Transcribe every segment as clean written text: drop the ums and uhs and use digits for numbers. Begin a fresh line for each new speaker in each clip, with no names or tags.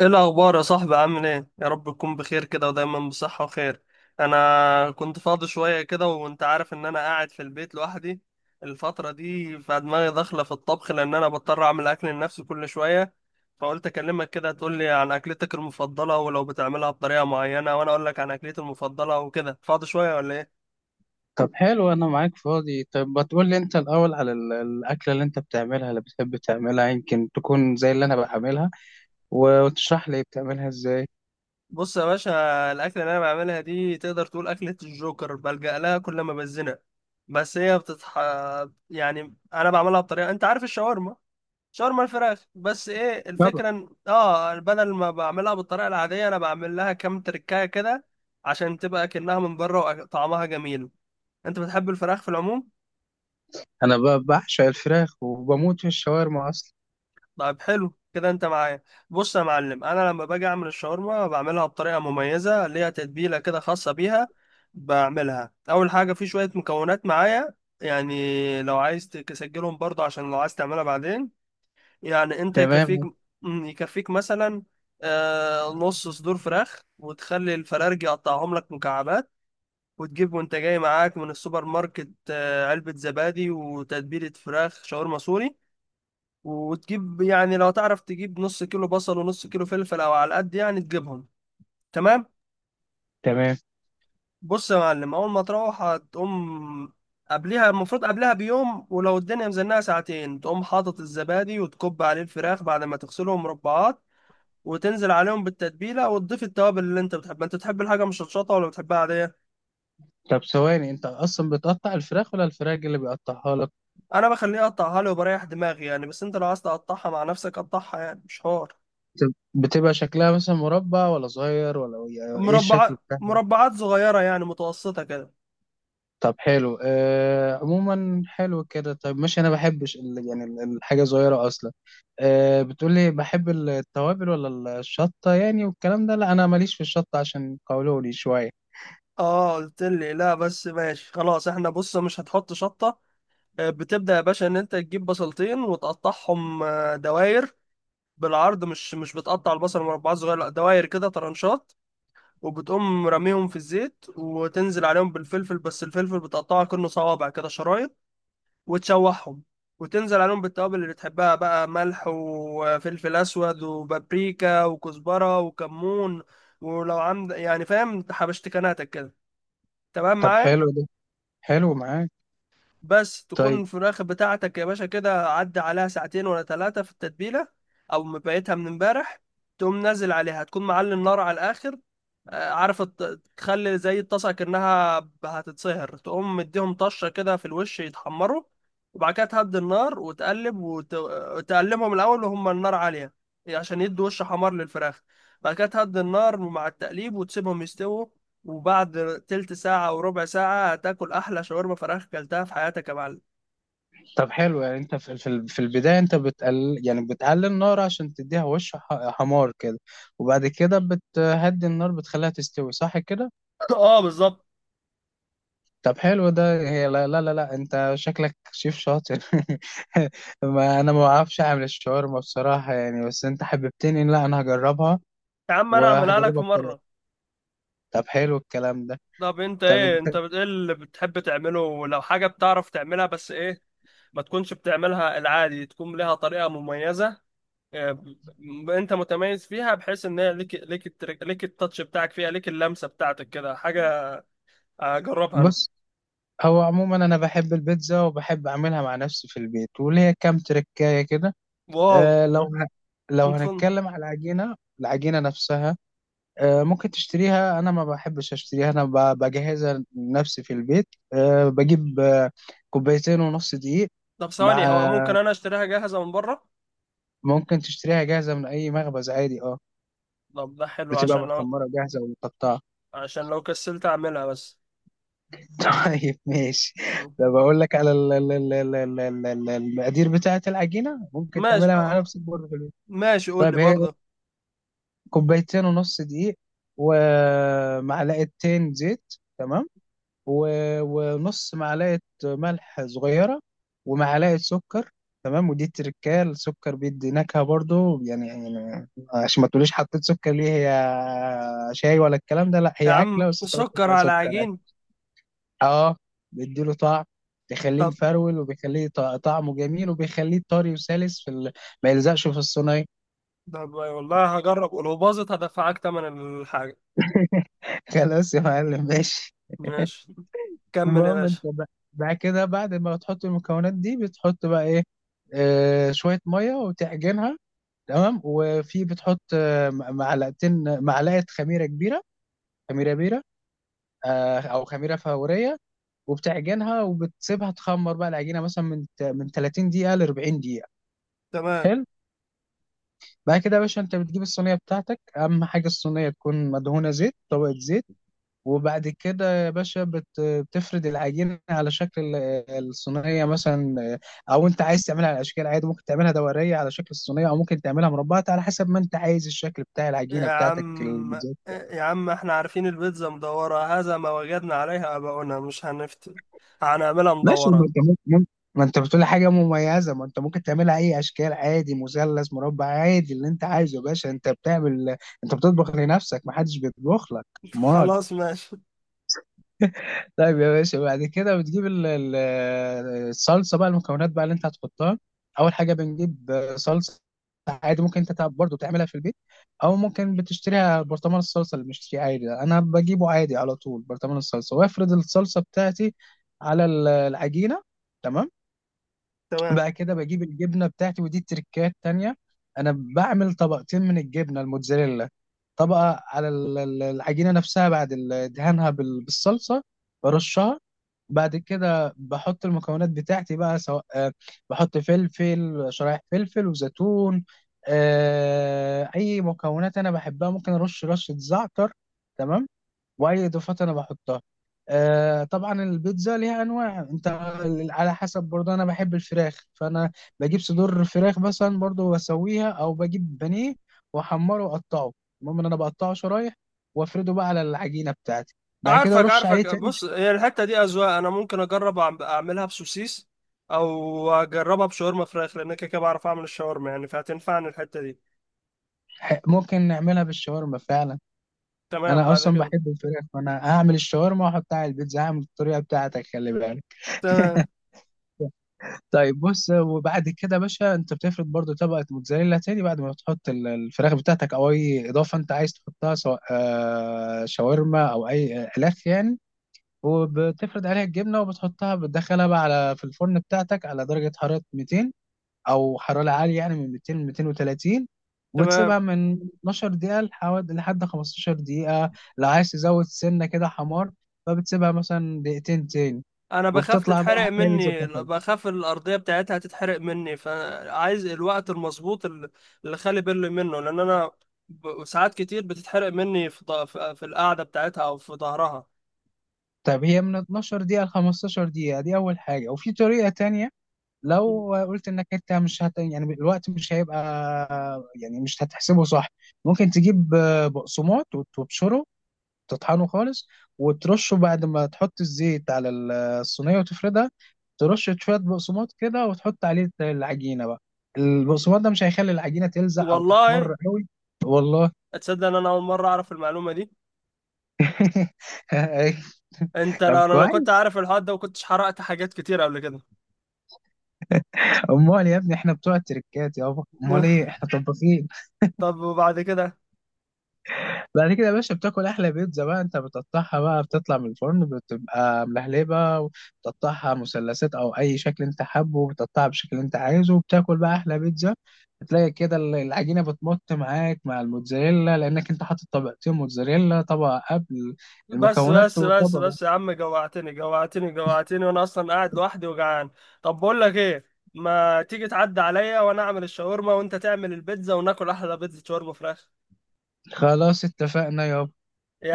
ايه الاخبار يا صاحبي، عامل ايه؟ يا رب تكون بخير كده ودايما بصحة وخير. انا كنت فاضي شوية كده وانت عارف ان انا قاعد في البيت لوحدي الفترة دي، فدماغي داخلة في الطبخ لان انا بضطر اعمل اكل لنفسي كل شوية. فقلت اكلمك كده تقول لي عن اكلتك المفضلة ولو بتعملها بطريقة معينة، وانا اقول لك عن اكلتي المفضلة. وكده، فاضي شوية ولا ايه؟
طب حلو، انا معاك فاضي. طب ما تقول لي انت الاول على الاكله اللي انت بتعملها، اللي بتحب تعملها، يمكن تكون زي اللي انا بعملها. و- وتشرح لي بتعملها ازاي.
بص يا باشا، الأكلة اللي أنا بعملها دي تقدر تقول أكلة الجوكر، بلجأ لها كل ما بزنق. بس هي بتتح، يعني أنا بعملها بطريقة، أنت عارف الشاورما؟ شاورما الفراخ، بس إيه
طبعا.
الفكرة؟ إن بدل ما بعملها بالطريقة العادية أنا بعمل لها كام تركاية كده، عشان تبقى كأنها من بره وطعمها جميل. أنت بتحب الفراخ في العموم؟
انا ب- بعشق الفراخ وبموت في الشاورما اصلا.
طيب حلو كده، انت معايا. بص يا معلم، انا لما باجي اعمل الشاورما بعملها بطريقه مميزه ليها، تتبيله كده خاصه بيها. بعملها اول حاجه في شويه مكونات معايا، يعني لو عايز تسجلهم برضه عشان لو عايز تعملها بعدين. يعني انت يكفيك،
تمام،
يكفيك مثلا نص صدور فراخ وتخلي الفرارج يقطعهم لك مكعبات. وتجيب وانت جاي معاك من السوبر ماركت علبة زبادي وتتبيلة فراخ شاورما سوري. وتجيب يعني لو تعرف تجيب نص كيلو بصل ونص كيلو فلفل او على قد يعني تجيبهم. تمام.
تمام.
بص يا معلم، اول ما تروح هتقوم، قبلها المفروض قبلها بيوم، ولو الدنيا مزنقه ساعتين تقوم حاطط الزبادي وتكب عليه الفراخ بعد ما تغسلهم مربعات، وتنزل عليهم بالتتبيله وتضيف التوابل اللي انت بتحبها. انت تحب الحاجه مشطشطه ولا بتحبها عاديه؟
طب ثواني، انت اصلا بتقطع الفراخ ولا الفراخ اللي بيقطعها لك؟
انا بخليه اقطعها لي وبريح دماغي يعني، بس انت لو عايز تقطعها مع نفسك قطعها، يعني مش حوار.
بت- بتبقى شكلها مثلا مربع ولا صغير، ولا يعني ايه الشكل
مربعات،
بتاعها؟
مربعات صغيره يعني متوسطه كده.
طب حلو، عموما حلو كده. طيب ماشي، انا بحبش الحاجه صغيره اصلا. بتقولي بحب التوابل ولا الشطه يعني والكلام ده؟ لا، انا ماليش في الشطه، عشان قولولي شويه.
اه، قلت لي لا، بس ماشي خلاص، احنا بص مش هتحط شطة. بتبدأ يا باشا ان انت تجيب بصلتين وتقطعهم دواير، بالعرض، مش بتقطع البصل مربعات صغيرة، لا، دواير كده طرنشات. وبتقوم رميهم في الزيت وتنزل عليهم بالفلفل، بس الفلفل بتقطعه كأنه صوابع كده شرايط، وتشوحهم. وتنزل عليهم بالتوابل اللي بتحبها بقى، ملح وفلفل اسود وبابريكا وكزبرة وكمون، ولو عند، يعني فاهم حبشتكناتك كده. تمام
طب
معايا؟
حلو ده، حلو معاك.
بس تكون
طيب.
الفراخ بتاعتك يا باشا كده عدى عليها ساعتين ولا 3 في التتبيلة، أو مبيتها من امبارح. تقوم نازل عليها تكون معلي النار على الآخر. عارف تخلي زي الطاسة كأنها هتتسهر، تقوم مديهم طشة كده في الوش يتحمروا. وبعد كده تهدي النار وتقلب، وتقلبهم الأول وهم النار عالية عشان يدوا وش حمار للفراخ. بعد كده تهدي النار مع التقليب وتسيبهم يستووا. وبعد تلت ساعة أو ربع ساعة هتاكل أحلى شاورما فراخ أكلتها في حياتك يا معلم.
طب حلو، يعني انت في البدايه انت بتقلل النار عشان تديها وش حمار كده، وبعد كده بتهدي النار، بتخليها تستوي، صح كده؟
آه، بالظبط.
طب حلو ده. هي لا لا لا، لا. انت شكلك شيف شاطر. ما انا ما بعرفش اعمل الشاورما بصراحة يعني، بس انت حببتني. لا، انا هجربها
يا عم، أنا أعملها لك في
وهجربها بطريقة.
مرة.
طب حلو الكلام ده.
طب أنت
طب
إيه؟
انت؟
أنت إيه اللي بتحب تعمله لو حاجة بتعرف تعملها، بس إيه، ما تكونش بتعملها العادي، تكون لها طريقة مميزة. آه، انت متميز فيها بحيث ان هي ليك، ليك ليك التاتش بتاعك فيها، ليك اللمسة بتاعتك كده حاجة اجربها انا.
بص، هو عموما انا بحب البيتزا وبحب اعملها مع نفسي في البيت، وليا كام تركاية كده.
واو.
أه لو ه... لو
متفن.
هنتكلم على العجينة نفسها، ممكن تشتريها، انا ما بحبش اشتريها، انا بجهزها لنفسي في البيت. آه، بجيب آه، كوبايتين ونص دقيق.
طب
مع
ثواني، هو
آه،
ممكن انا اشتريها جاهزة من بره؟
ممكن تشتريها جاهزة من اي مخبز عادي، اه،
طب ده حلو
بتبقى متمرة جاهزة ومتقطعة.
عشان لو كسلت اعملها بس.
طيب ماشي،
مم.
ده بقول لك على المقادير بتاعة العجينة، ممكن
ماشي،
تعملها مع نفسك برضه في البيت.
ماشي قول
طيب،
لي
هي
برضه.
كوبايتين ونص دقيق، ومعلقتين زيت، تمام، و- ونص معلقة ملح صغيرة، ومعلقة سكر. تمام. ودي التركاية، السكر بيدي نكهة برضو، يعني عشان ما تقوليش حطيت سكر ليه، هي شاي ولا الكلام ده؟ لا،
يا
هي
عم،
أكلة، بس انت ممكن
سكر
تلاقي
على
سكر عادي.
عجين.
اه، بيديله طعم، بيخليه
طب.
مفرول، وبيخليه طعمه جميل، وبيخليه طري وسلس ما يلزقش في الصينية.
طب والله هجرب، ولو باظت هدفعك تمن الحاجة.
خلاص يا معلم، ماشي.
ماشي. كمل يا
المهم انت
باشا.
بعد كده، بعد ما تحط المكونات دي، بتحط بقى ايه؟ شوية مية وتعجنها. تمام، وفي بتحط آه، م- معلقتين معلقة خميرة كبيرة، خميرة بيرة، أو خميرة فورية، وبتعجنها وبتسيبها تخمر بقى العجينة مثلا من 30 دقيقة ل 40 دقيقة.
تمام.
حلو. بعد كده يا باشا انت بتجيب الصينية بتاعتك، أهم حاجة الصينية تكون مدهونة زيت، طبقة زيت. وبعد كده يا باشا بت- بتفرد العجينة على شكل الصينية مثلا، أو أنت عايز تعملها على أشكال عادي، ممكن تعملها دورية على شكل الصينية، أو ممكن تعملها مربعة، على حسب ما أنت عايز الشكل بتاع العجينة
يا
بتاعتك،
عم،
البيتزا.
يا عم احنا عارفين البيتزا مدورة، هذا ما وجدنا عليها آباؤنا، مش هنفتي، هنعملها
ماشي،
مدورة.
ما أنت بتقول حاجة مميزة، ما أنت ممكن تعملها أي أشكال عادي، مثلث، مربع، عادي، اللي أنت عايزه يا باشا أنت بتعمل، أنت بتطبخ لنفسك، ما حدش بيطبخ لك. أمال.
خلاص ماشي.
طيب يا باشا، بعد كده بتجيب الصلصه بقى، المكونات بقى اللي انت هتحطها. اول حاجه بنجيب صلصه عادي، ممكن انت برضه تعملها في البيت، او ممكن بتشتريها، برطمان الصلصه اللي بنشتريه عادي ده. انا بجيبه عادي على طول، برطمان الصلصه، وافرد الصلصه بتاعتي على العجينه. تمام.
تمام.
بقى كده بجيب الجبنه بتاعتي، ودي تركات تانية، انا بعمل طبقتين من الجبنه الموتزاريلا، طبقه على العجينه نفسها بعد دهانها بال- بالصلصه، برشها. بعد كده بحط المكونات بتاعتي بقى، سواء بحط فلفل، شرايح فلفل، وزيتون، اي مكونات انا بحبها، ممكن ارش رشة زعتر. تمام، واي اضافات انا بحطها. طبعا البيتزا ليها انواع، انت على حسب، برضه انا بحب الفراخ، فانا بجيب صدور فراخ مثلا برضه واسويها، او بجيب بانيه واحمره واقطعه، المهم ان انا بقطعه شرايح وافرده بقى على العجينة بتاعتي. بعد كده
عارفك
ارش عليه
عارفك،
تاني.
بص هي الحتة دي أذواق، أنا ممكن أجرب أعملها بسوسيس أو أجربها بشاورما فراخ، لأن أنا كده كده بعرف أعمل الشاورما يعني، فهتنفعني الحتة دي.
ممكن نعملها بالشاورما فعلا،
تمام،
انا
بعد
اصلا
كده.
بحب الفراخ، فانا هعمل الشاورما واحطها على البيتزا، هعمل الطريقه بتاعتك، خلي بالك.
تمام.
طيب بص، وبعد كده يا باشا انت بتفرد برضو طبقه موتزاريلا تاني، بعد ما تحط الفراخ بتاعتك او اي اضافه انت عايز تحطها، سواء شاورما او اي الاف يعني. وبتفرد عليها الجبنه، وبتحطها، بتدخلها بقى على في الفرن بتاعتك على درجه حراره 200، او حراره عاليه يعني من 200 ل 230،
تمام.
وتسيبها من 12 دقيقه لحوالي، لحد 15 دقيقه. لو عايز تزود سنه كده حمار فبتسيبها مثلا دقيقتين تاني،
انا بخاف
وبتطلع بقى
تتحرق
احلى بيتزا
مني،
بتاكلها.
بخاف الارضيه بتاعتها تتحرق مني، فعايز الوقت المظبوط اللي، اللي خلي بالي منه، لان انا ساعات كتير بتتحرق مني في في القعده بتاعتها او في ظهرها.
طب هي من 12 دقيقه ل 15 دقيقه دي اول حاجه، وفي طريقه تانية لو قلت انك انت مش هت... يعني الوقت مش هيبقى، يعني مش هتحسبه صح، ممكن تجيب بقسماط وتبشره، تطحنه خالص، وترشه بعد ما تحط الزيت على الصينية وتفردها، ترش شوية بقسماط كده وتحط عليه العجينة بقى، البقسماط ده مش هيخلي العجينة تلزق أو
والله.
تحمر قوي. والله.
اتصدق ان انا اول مره اعرف المعلومه دي؟ انت
طب
لو انا لو كنت
كويس.
عارف الحوار ده وكنتش حرقت حاجات كتير قبل كده.
امال يا ابني، احنا بتوع التركات يابا، امال ايه، احنا طباخين.
طب وبعد كده؟
بعد كده يا باشا بتاكل احلى بيتزا بقى، انت بتقطعها بقى، بتطلع من الفرن بتبقى ملهلبه، بتقطعها مثلثات او اي شكل انت حابه، بتقطعها بالشكل اللي انت عايزه، وبتاكل بقى احلى بيتزا. هتلاقي كده العجينه بتمط معاك مع الموتزاريلا، لانك انت حاطط طبقتين موتزاريلا، طبقه قبل
بس
المكونات
بس بس
وطبقه.
بس يا عم، جوعتني جوعتني جوعتني، وانا اصلا قاعد لوحدي وجعان. طب بقول لك ايه، ما تيجي تعدي عليا وانا اعمل الشاورما وانت تعمل البيتزا وناكل احلى بيتزا شاورما فراخ.
خلاص اتفقنا يابا.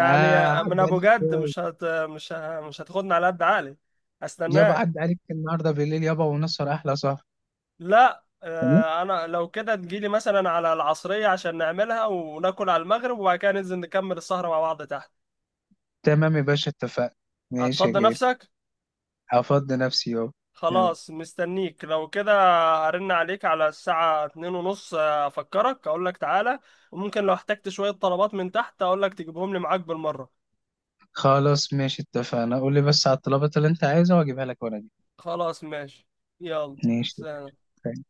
آه،
من
عدى
ابو
عليك
جد مش هت مش ه... مش هتاخدني على قد عقلي
يابا،
استناك.
عدى عليك النهارده بالليل يابا، ونسهر احلى سهر.
لا،
تمام،
انا لو كده تجيلي مثلا على العصرية عشان نعملها وناكل على المغرب، وبعد كده ننزل نكمل السهرة مع بعض تحت.
تمام يا باشا، اتفقنا. ماشي يا
هتفضي
غالي.
نفسك.
هفضي نفسي يابا. تمام.
خلاص، مستنيك لو كده. هرن عليك على الساعة 2:30 أفكرك أقول لك تعالى، وممكن لو احتجت شوية طلبات من تحت أقول لك تجيبهم لي معاك بالمرة.
خلاص ماشي، اتفقنا. قول لي بس على الطلبات اللي انت عايزها واجيبها لك، وانا دي
خلاص ماشي. يلا،
ماشي.
سلام.
اتفقنا.